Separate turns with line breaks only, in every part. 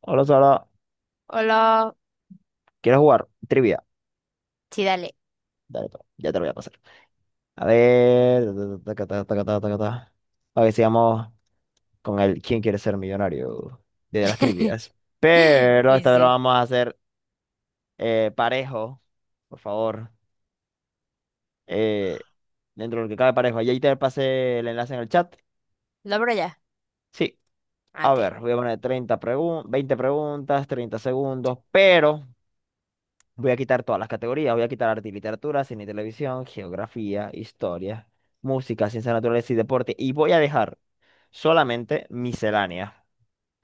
Hola Sara,
Hola.
¿quieres jugar? Trivia.
Sí, dale.
Dale, pues, ya te lo voy a pasar. A ver, taca, taca, taca, taca, taca, taca. A ver, sigamos con el ¿Quién quiere ser millonario? De las trivias. Pero
Y
esta vez lo
sí.
vamos a hacer parejo, por favor. Eh, Dentro de lo que cabe parejo. Ahí te pasé el enlace en el chat.
¿Lo abro ya?
Sí,
Ah,
a
Ok.
ver, voy a poner 20 preguntas, 30 segundos, pero voy a quitar todas las categorías, voy a quitar arte y literatura, cine y televisión, geografía, historia, música, ciencias naturales y deporte. Y voy a dejar solamente miscelánea.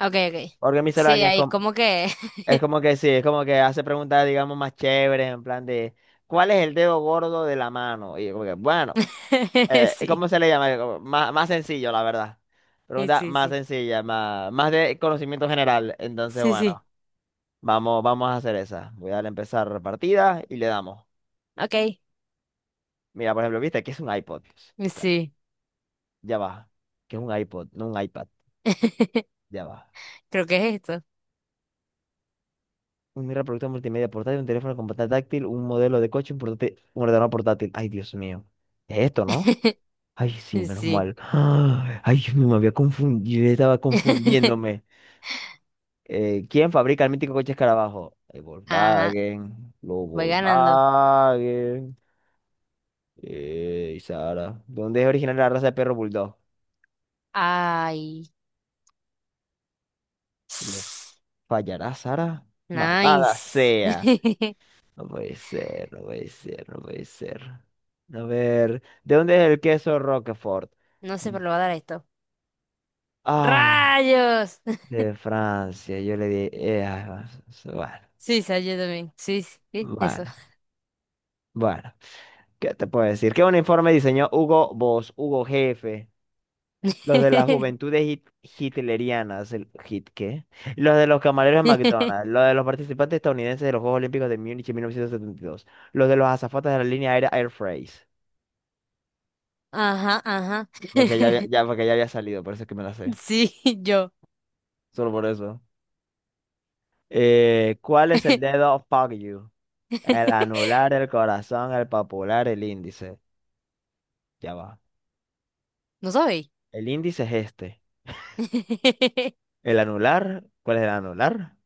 Ok, ok.
Porque
Sí,
miscelánea es
ahí
como,
como que.
es como que sí, es como que hace preguntas, digamos, más chéveres, en plan de, ¿cuál es el dedo gordo de la mano? Y yo como que, bueno,
Sí.
¿cómo se le llama? Como más sencillo, la verdad.
Y
Pregunta
sí,
más
sí.
sencilla, más de conocimiento general. Entonces,
Sí, sí.
bueno, vamos, vamos a hacer esa. Voy a darle a empezar partida y le damos.
Ok.
Mira, por ejemplo, viste que es un iPod.
Y
O sea,
Sí.
ya va. Que es un iPod, no un iPad. Ya va.
Creo que es esto.
Un reproductor multimedia portátil, un teléfono con pantalla táctil, un modelo de coche, un portátil, un ordenador portátil. Ay, Dios mío. Es esto, ¿no? Ay, sí,
Y
menos
Sí.
mal. Ay, Dios mío, me había confundido. Yo estaba confundiéndome. ¿Quién fabrica el mítico coche Escarabajo? El
Ajá.
Volkswagen. Los
Voy ganando.
Volkswagen. Sara. ¿Dónde es original la raza de perro bulldog?
Ay.
¿Lo fallará, Sara? Malvada
Nice.
sea. No puede ser, no puede ser, no puede ser. A ver, ¿de dónde es el queso Roquefort?
No sé, pero lo va a dar esto.
Ah,
¡Rayos!
de Francia. Yo le di. Ah, bueno,
Sí, salió también. Sí, sí, eso.
bueno, bueno. ¿Qué te puedo decir? ¿Qué un informe diseñó Hugo Boss, Hugo Jefe, los de las juventudes hitlerianas, el hit qué, los de los camareros de McDonald's, los de los participantes estadounidenses de los Juegos Olímpicos de Múnich en 1972, los de los azafatas de la línea aérea Air France?
Ajá, ajá.
Porque ya había salido, por eso es que me la sé.
Sí, yo.
Solo por eso. ¿Cuál es el dedo fuck you? El anular, el corazón, el popular, el índice. Ya va.
¿No sabéis?
El índice es este. El anular, ¿cuál es el anular?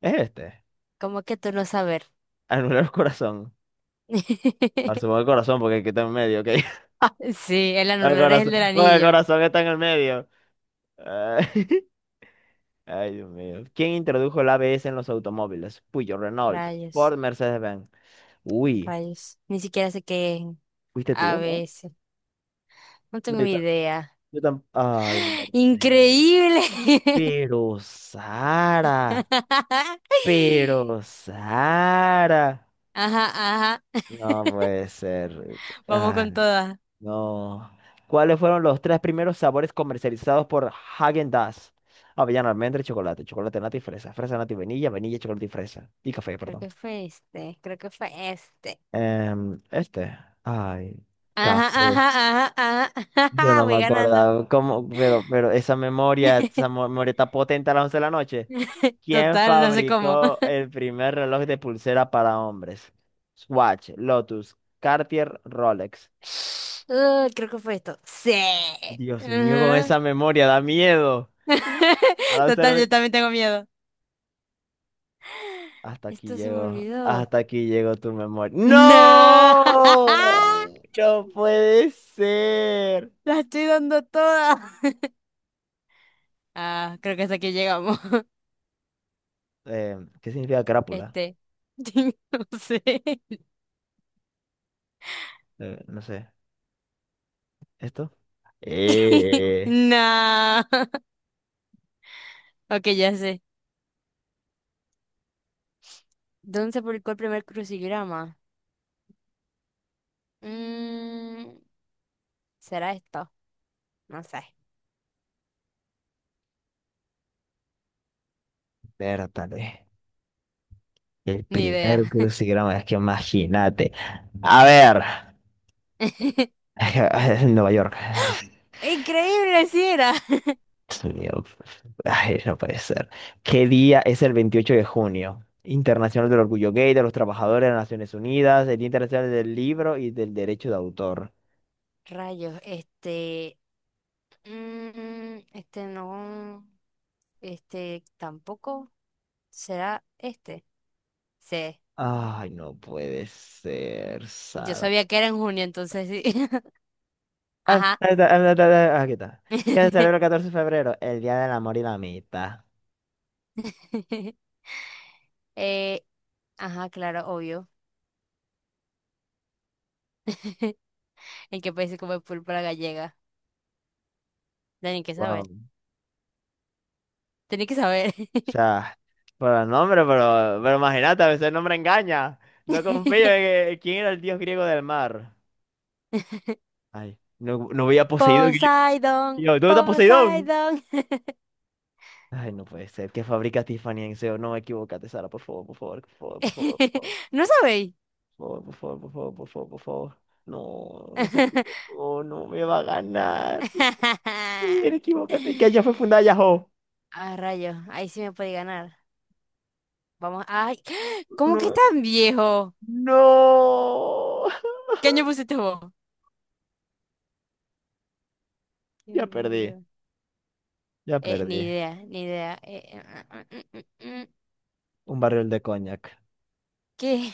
Es este.
¿Cómo que tú no saber?
Anular el corazón. Ahora supongo el corazón porque aquí está en medio, ¿ok?
Sí, el
El
anular es el
corazón,
del
porque el
anillo.
corazón está en el medio. Ay, ay, Dios mío. ¿Quién introdujo el ABS en los automóviles? Puyo, Renault,
Rayos,
Ford, Mercedes-Benz. Uy,
rayos. Ni siquiera sé qué es.
fuiste tú,
A
¿no?
veces. No
No,
tengo
yo, ta-
idea.
yo tam- Ay, Mercedes.
¡Increíble!
Pero Sara, pero Sara.
Ajá, ajá.
No puede ser.
Vamos
Ah,
con todas.
no. ¿Cuáles fueron los tres primeros sabores comercializados por Häagen-Dazs? Avellana, almendra y chocolate. Chocolate, nata y fresa. Fresa, nata y vainilla. Vainilla, chocolate y fresa. Y café,
Creo
perdón.
que fue este. Creo que fue este.
Este. Ay,
Ajá,
café.
ajá, ajá, ajá.
Yo no me
Voy ganando.
acordaba cómo, pero esa memoria, memoria está potente a las 11 de la noche. ¿Quién
Total, no sé cómo.
fabricó el primer reloj de pulsera para hombres? Swatch, Lotus, Cartier, Rolex.
Ah, creo que fue esto. Sí.
Dios mío, con
Ajá.
esa memoria da miedo. A las once de la
Total, yo
noche.
también tengo miedo. Esto se me olvidó.
Hasta aquí llegó tu memoria.
No.
¡No! No puede ser.
La estoy dando toda. Ah, creo que hasta aquí llegamos.
¿Qué significa crápula?
Este. No sé.
No sé. ¿Esto? Eh,
No. Ok, ya sé. ¿Dónde se publicó el primer crucigrama? Mm, ¿Será esto? No sé.
Espérate. El
Ni idea.
primer crucigrama, es que imagínate. A ver, Nueva York.
Increíble, si era.
Dios mío, ay, no puede ser. ¿Qué día es el 28 de junio? Internacional del Orgullo Gay, de los Trabajadores de las Naciones Unidas, el Día Internacional del Libro y del Derecho de Autor.
Rayos, este, este no, este tampoco será este. Sí,
Ay, no puede ser,
yo
Sara.
sabía que era en junio, entonces sí.
Ah,
Ajá.
ah, ah, ah, ah, ah, aquí está. ¿Qué se celebra el 14 de febrero? El Día del Amor y la Amistad.
Eh, ajá, claro, obvio. ¿En qué país se come pulpa gallega? Tenía que saber,
Wow.
tenía que saber.
O sea, por el nombre, pero imagínate, a veces el nombre engaña. No confío en quién era el dios griego del mar. Ay, no, no veía Poseidón. y Yo, y
Poseidón,
yo, ¿dónde está Poseidón?
Poseidón.
Ay, no puede ser. ¿Qué fabrica Tiffany en SEO? No, equivócate, Sara, por favor, por favor, por favor, por favor,
¿No sabéis?
por favor, por favor, por favor, por favor, por favor. No, no se equivocó, no me va a ganar. Sí, equivócate, que allá fue fundada Yahoo.
Ah, rayos, ahí sí me puede ganar. Vamos, ay, ¿cómo que es
No,
tan viejo?
no.
¿Qué año pusiste vos? ¿Qué
Ya
año
perdí,
que
ya
Ni
perdí.
idea, ni idea. Mm, mm.
Un barril de coñac.
¿Qué?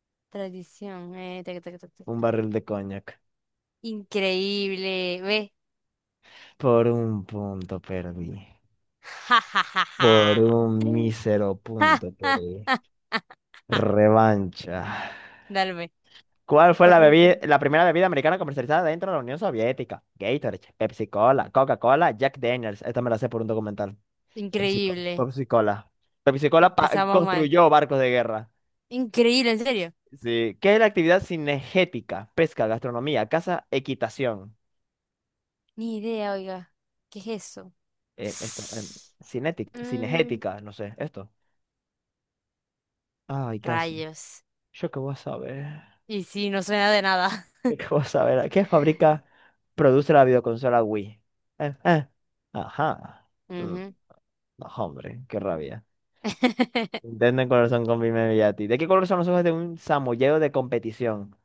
Tradición, tac, tac, tac, tac.
Un barril de coñac.
Increíble, ve.
Por un punto perdí.
Ja, ja, ja,
Por
ja.
un
Mm.
mísero
Ja,
punto
ja,
perdí.
ja, ja, ja.
Revancha.
Dale, ve.
¿Cuál fue
Pa, pa, pa.
la primera bebida americana comercializada dentro de la Unión Soviética? Gatorade, Pepsi Cola, Coca-Cola, Jack Daniels. Esta me la sé por un documental.
Increíble.
Pepsi Cola. Pepsi Cola
Empezamos mal.
construyó barcos de guerra.
Increíble, en serio.
Sí. ¿Qué es la actividad cinegética? Pesca, gastronomía, caza, equitación.
Ni idea, oiga. ¿Qué es eso?
Esto,
Mm,
cinegética, no sé, esto. Ay, caso.
Rayos.
Yo qué voy a saber.
Y sí, no suena de nada.
Yo qué voy a saber. ¿Qué produce la videoconsola Wii? Eh, eh. Ajá. Mm,
Ujú.
No, hombre, qué rabia. Intenten color son con Bimini Yati. ¿De qué color son los ojos de un samoyedo de competición?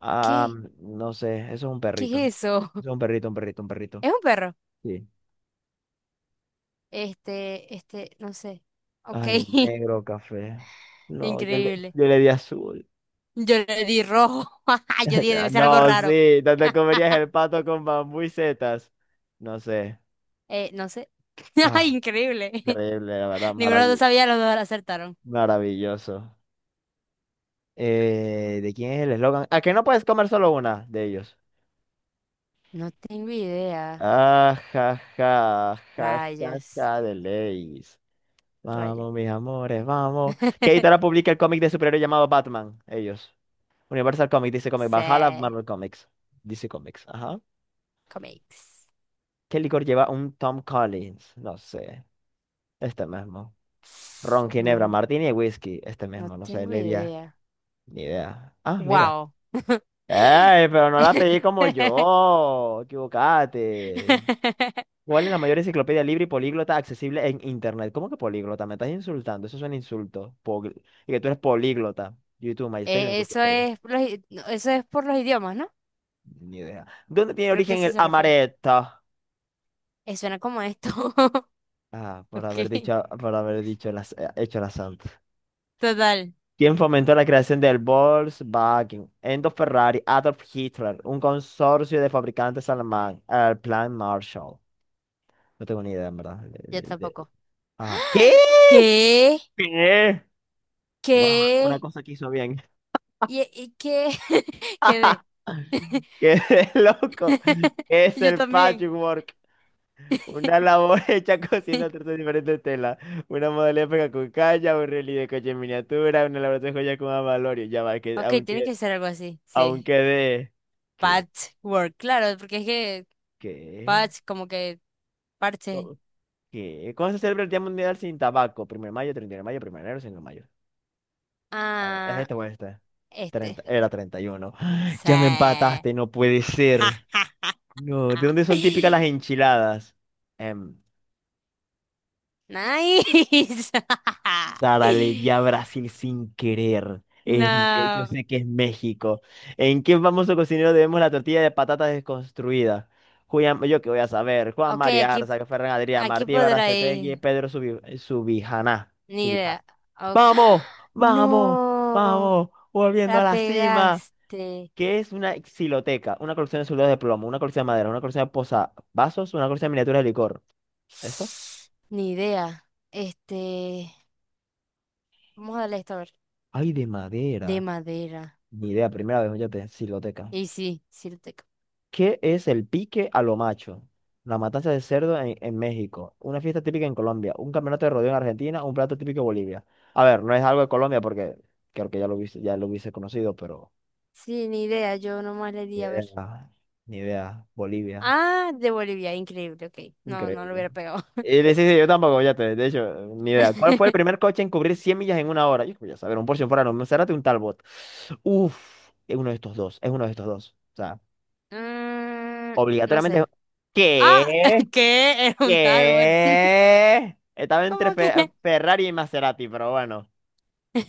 Ah,
¿Qué?
no sé. Eso es un perrito.
¿Qué es eso?
Eso es un perrito, un perrito, un perrito.
¿Es un perro?
Sí.
Este, no sé. Ok,
Ay, negro, café. No, yo le,
increíble.
yo le di azul.
Yo le di rojo. Yo dije, debe ser algo
No,
raro.
sí. ¿Dónde comerías el pato con bambú y setas? No sé.
No sé. Ay,
Ah,
Increíble.
increíble, la verdad,
Ninguno de los dos sabía, los dos acertaron.
maravilloso. ¿De quién es el eslogan? ¿A que no puedes comer solo una de ellos?
No tengo idea.
Ah, ja, ja, ja, ja,
Rayos,
ja, de leyes.
rayos.
Vamos, mis amores, vamos. ¿Qué editora publica el cómic de superhéroe llamado Batman? Ellos. Universal Comics, DC Comics, Valhalla,
Se
Marvel Comics. DC Comics, ajá.
comics.
¿Qué licor lleva un Tom Collins? No sé, este mismo. Ron, Ginebra,
No,
Martini y Whisky, este
no
mismo, no sé,
tengo
Ledia,
idea.
ni idea. Ah, mira.
Wow.
Ay, pero no la pedí como yo. Equivocate. ¿Cuál es la mayor enciclopedia libre y políglota accesible en Internet? ¿Cómo que políglota? Me estás insultando. Eso es un insulto. Y que tú eres políglota. YouTube, MySpace, la
Eso
Wikipedia.
es, los i- no, eso es por los idiomas, ¿no?
Ni idea. ¿Dónde tiene
Creo que a
origen
eso
el
se refiere.
amaretto?
Suena como esto.
Ah,
Ok.
por haber dicho las, hecho la santa.
Total.
¿Quién fomentó la creación del Volkswagen? Enzo Ferrari, Adolf Hitler, un consorcio de fabricantes alemán, el Plan Marshall. No tengo ni idea, en verdad.
Yo tampoco.
Ah, ¿qué?
¿Qué?
¿Qué? Bueno, una
¿Qué?
cosa que hizo bien.
¿Y qué? Quedé.
Qué de loco. Es
Yo
el
también.
patchwork. Una labor hecha cosiendo tres diferentes telas. Una modalidad pega con calla, un relieve de coche en miniatura, una elaboración de joya con amalorio. Ya va, que
Ok, tiene
aunque,
que ser algo así. Sí.
aunque de. ¿Qué?
Patchwork, claro, porque es que
¿Qué?
patch, como que parche.
No, ¿qué? ¿Cuándo se celebra el Día Mundial sin Tabaco? Primero de mayo, 31 de mayo, primero de enero, 5 de mayo. A ver, ¿es
Ah,
este o este?
este.
30 era 31. Ya me
Sí.
empataste, no puede ser. No, ¿de dónde son típicas las enchiladas? Em,
Nice.
Sara, le di a Brasil sin querer. Es yo
No.
sé que es México. ¿En qué famoso cocinero debemos la tortilla de patatas desconstruida? Julián, yo qué voy a saber. Juan
Ok,
María
aquí,
Arza, Ferran Adrià,
aquí
Martí
podrá
Baracetegui,
ir.
Pedro Subijaná.
Ni
Subijá.
idea. Ok. ¡Ah!
¡Vamos! ¡Vamos!
No.
¡Vamos! Volviendo a
La
la cima.
pegaste.
¿Qué es una xiloteca? Una colección de soldados de plomo, una colección de madera, una colección de posavasos, una colección de miniaturas de licor. ¿Esto?
Ni idea. Este. Vamos a darle esto a ver.
Ay, de
De
madera.
madera.
Ni idea, primera vez, fíjate, siloteca.
Y sí, sí lo tengo.
¿Qué es el pique a lo macho? La matanza de cerdo en México. Una fiesta típica en Colombia. Un campeonato de rodeo en Argentina. Un plato típico en Bolivia. A ver, no es algo de Colombia porque creo que ya lo hubiese conocido, pero
Sí, ni idea. Yo nomás le
ni
di a ver.
idea. Ni idea. Bolivia.
Ah, de Bolivia. Increíble. Ok. No, no lo
Increíble.
hubiera pegado.
Y le sí, sí, yo tampoco, fíjate. De hecho, ni idea. ¿Cuál fue el primer coche en cubrir 100 millas en una hora? Yo voy a saber, un Porsche Ferrari, un Maserati, un Talbot. Uf, es uno de estos dos. Es uno de estos dos. O sea.
Mm, no
Obligatoriamente.
sé. Ah,
¿Qué?
que es un Talbot.
¿Qué? Estaba entre
¿Cómo que?
Ferrari y Maserati, pero bueno.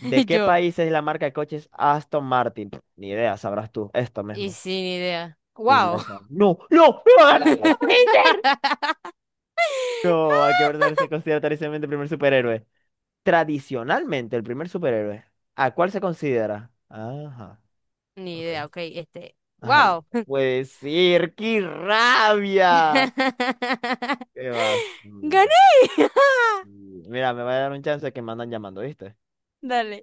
¿De qué
Yo.
país es la marca de coches Aston Martin? Pff, ni idea, sabrás tú. Esto
Y
mismo.
sin idea. Wow.
Inglesa. No, no, no, no, no, no no, no puede ser. No, hay que verdadero se considera tradicionalmente el primer superhéroe. Tradicionalmente el primer superhéroe. ¿A cuál se considera? Ajá.
Ni
Ok.
idea, ok, este.
Ay,
Wow.
no puede ser, qué rabia. ¿Qué vas?
Gané.
Mira, me va a dar un chance que me andan llamando, ¿viste?
Dale.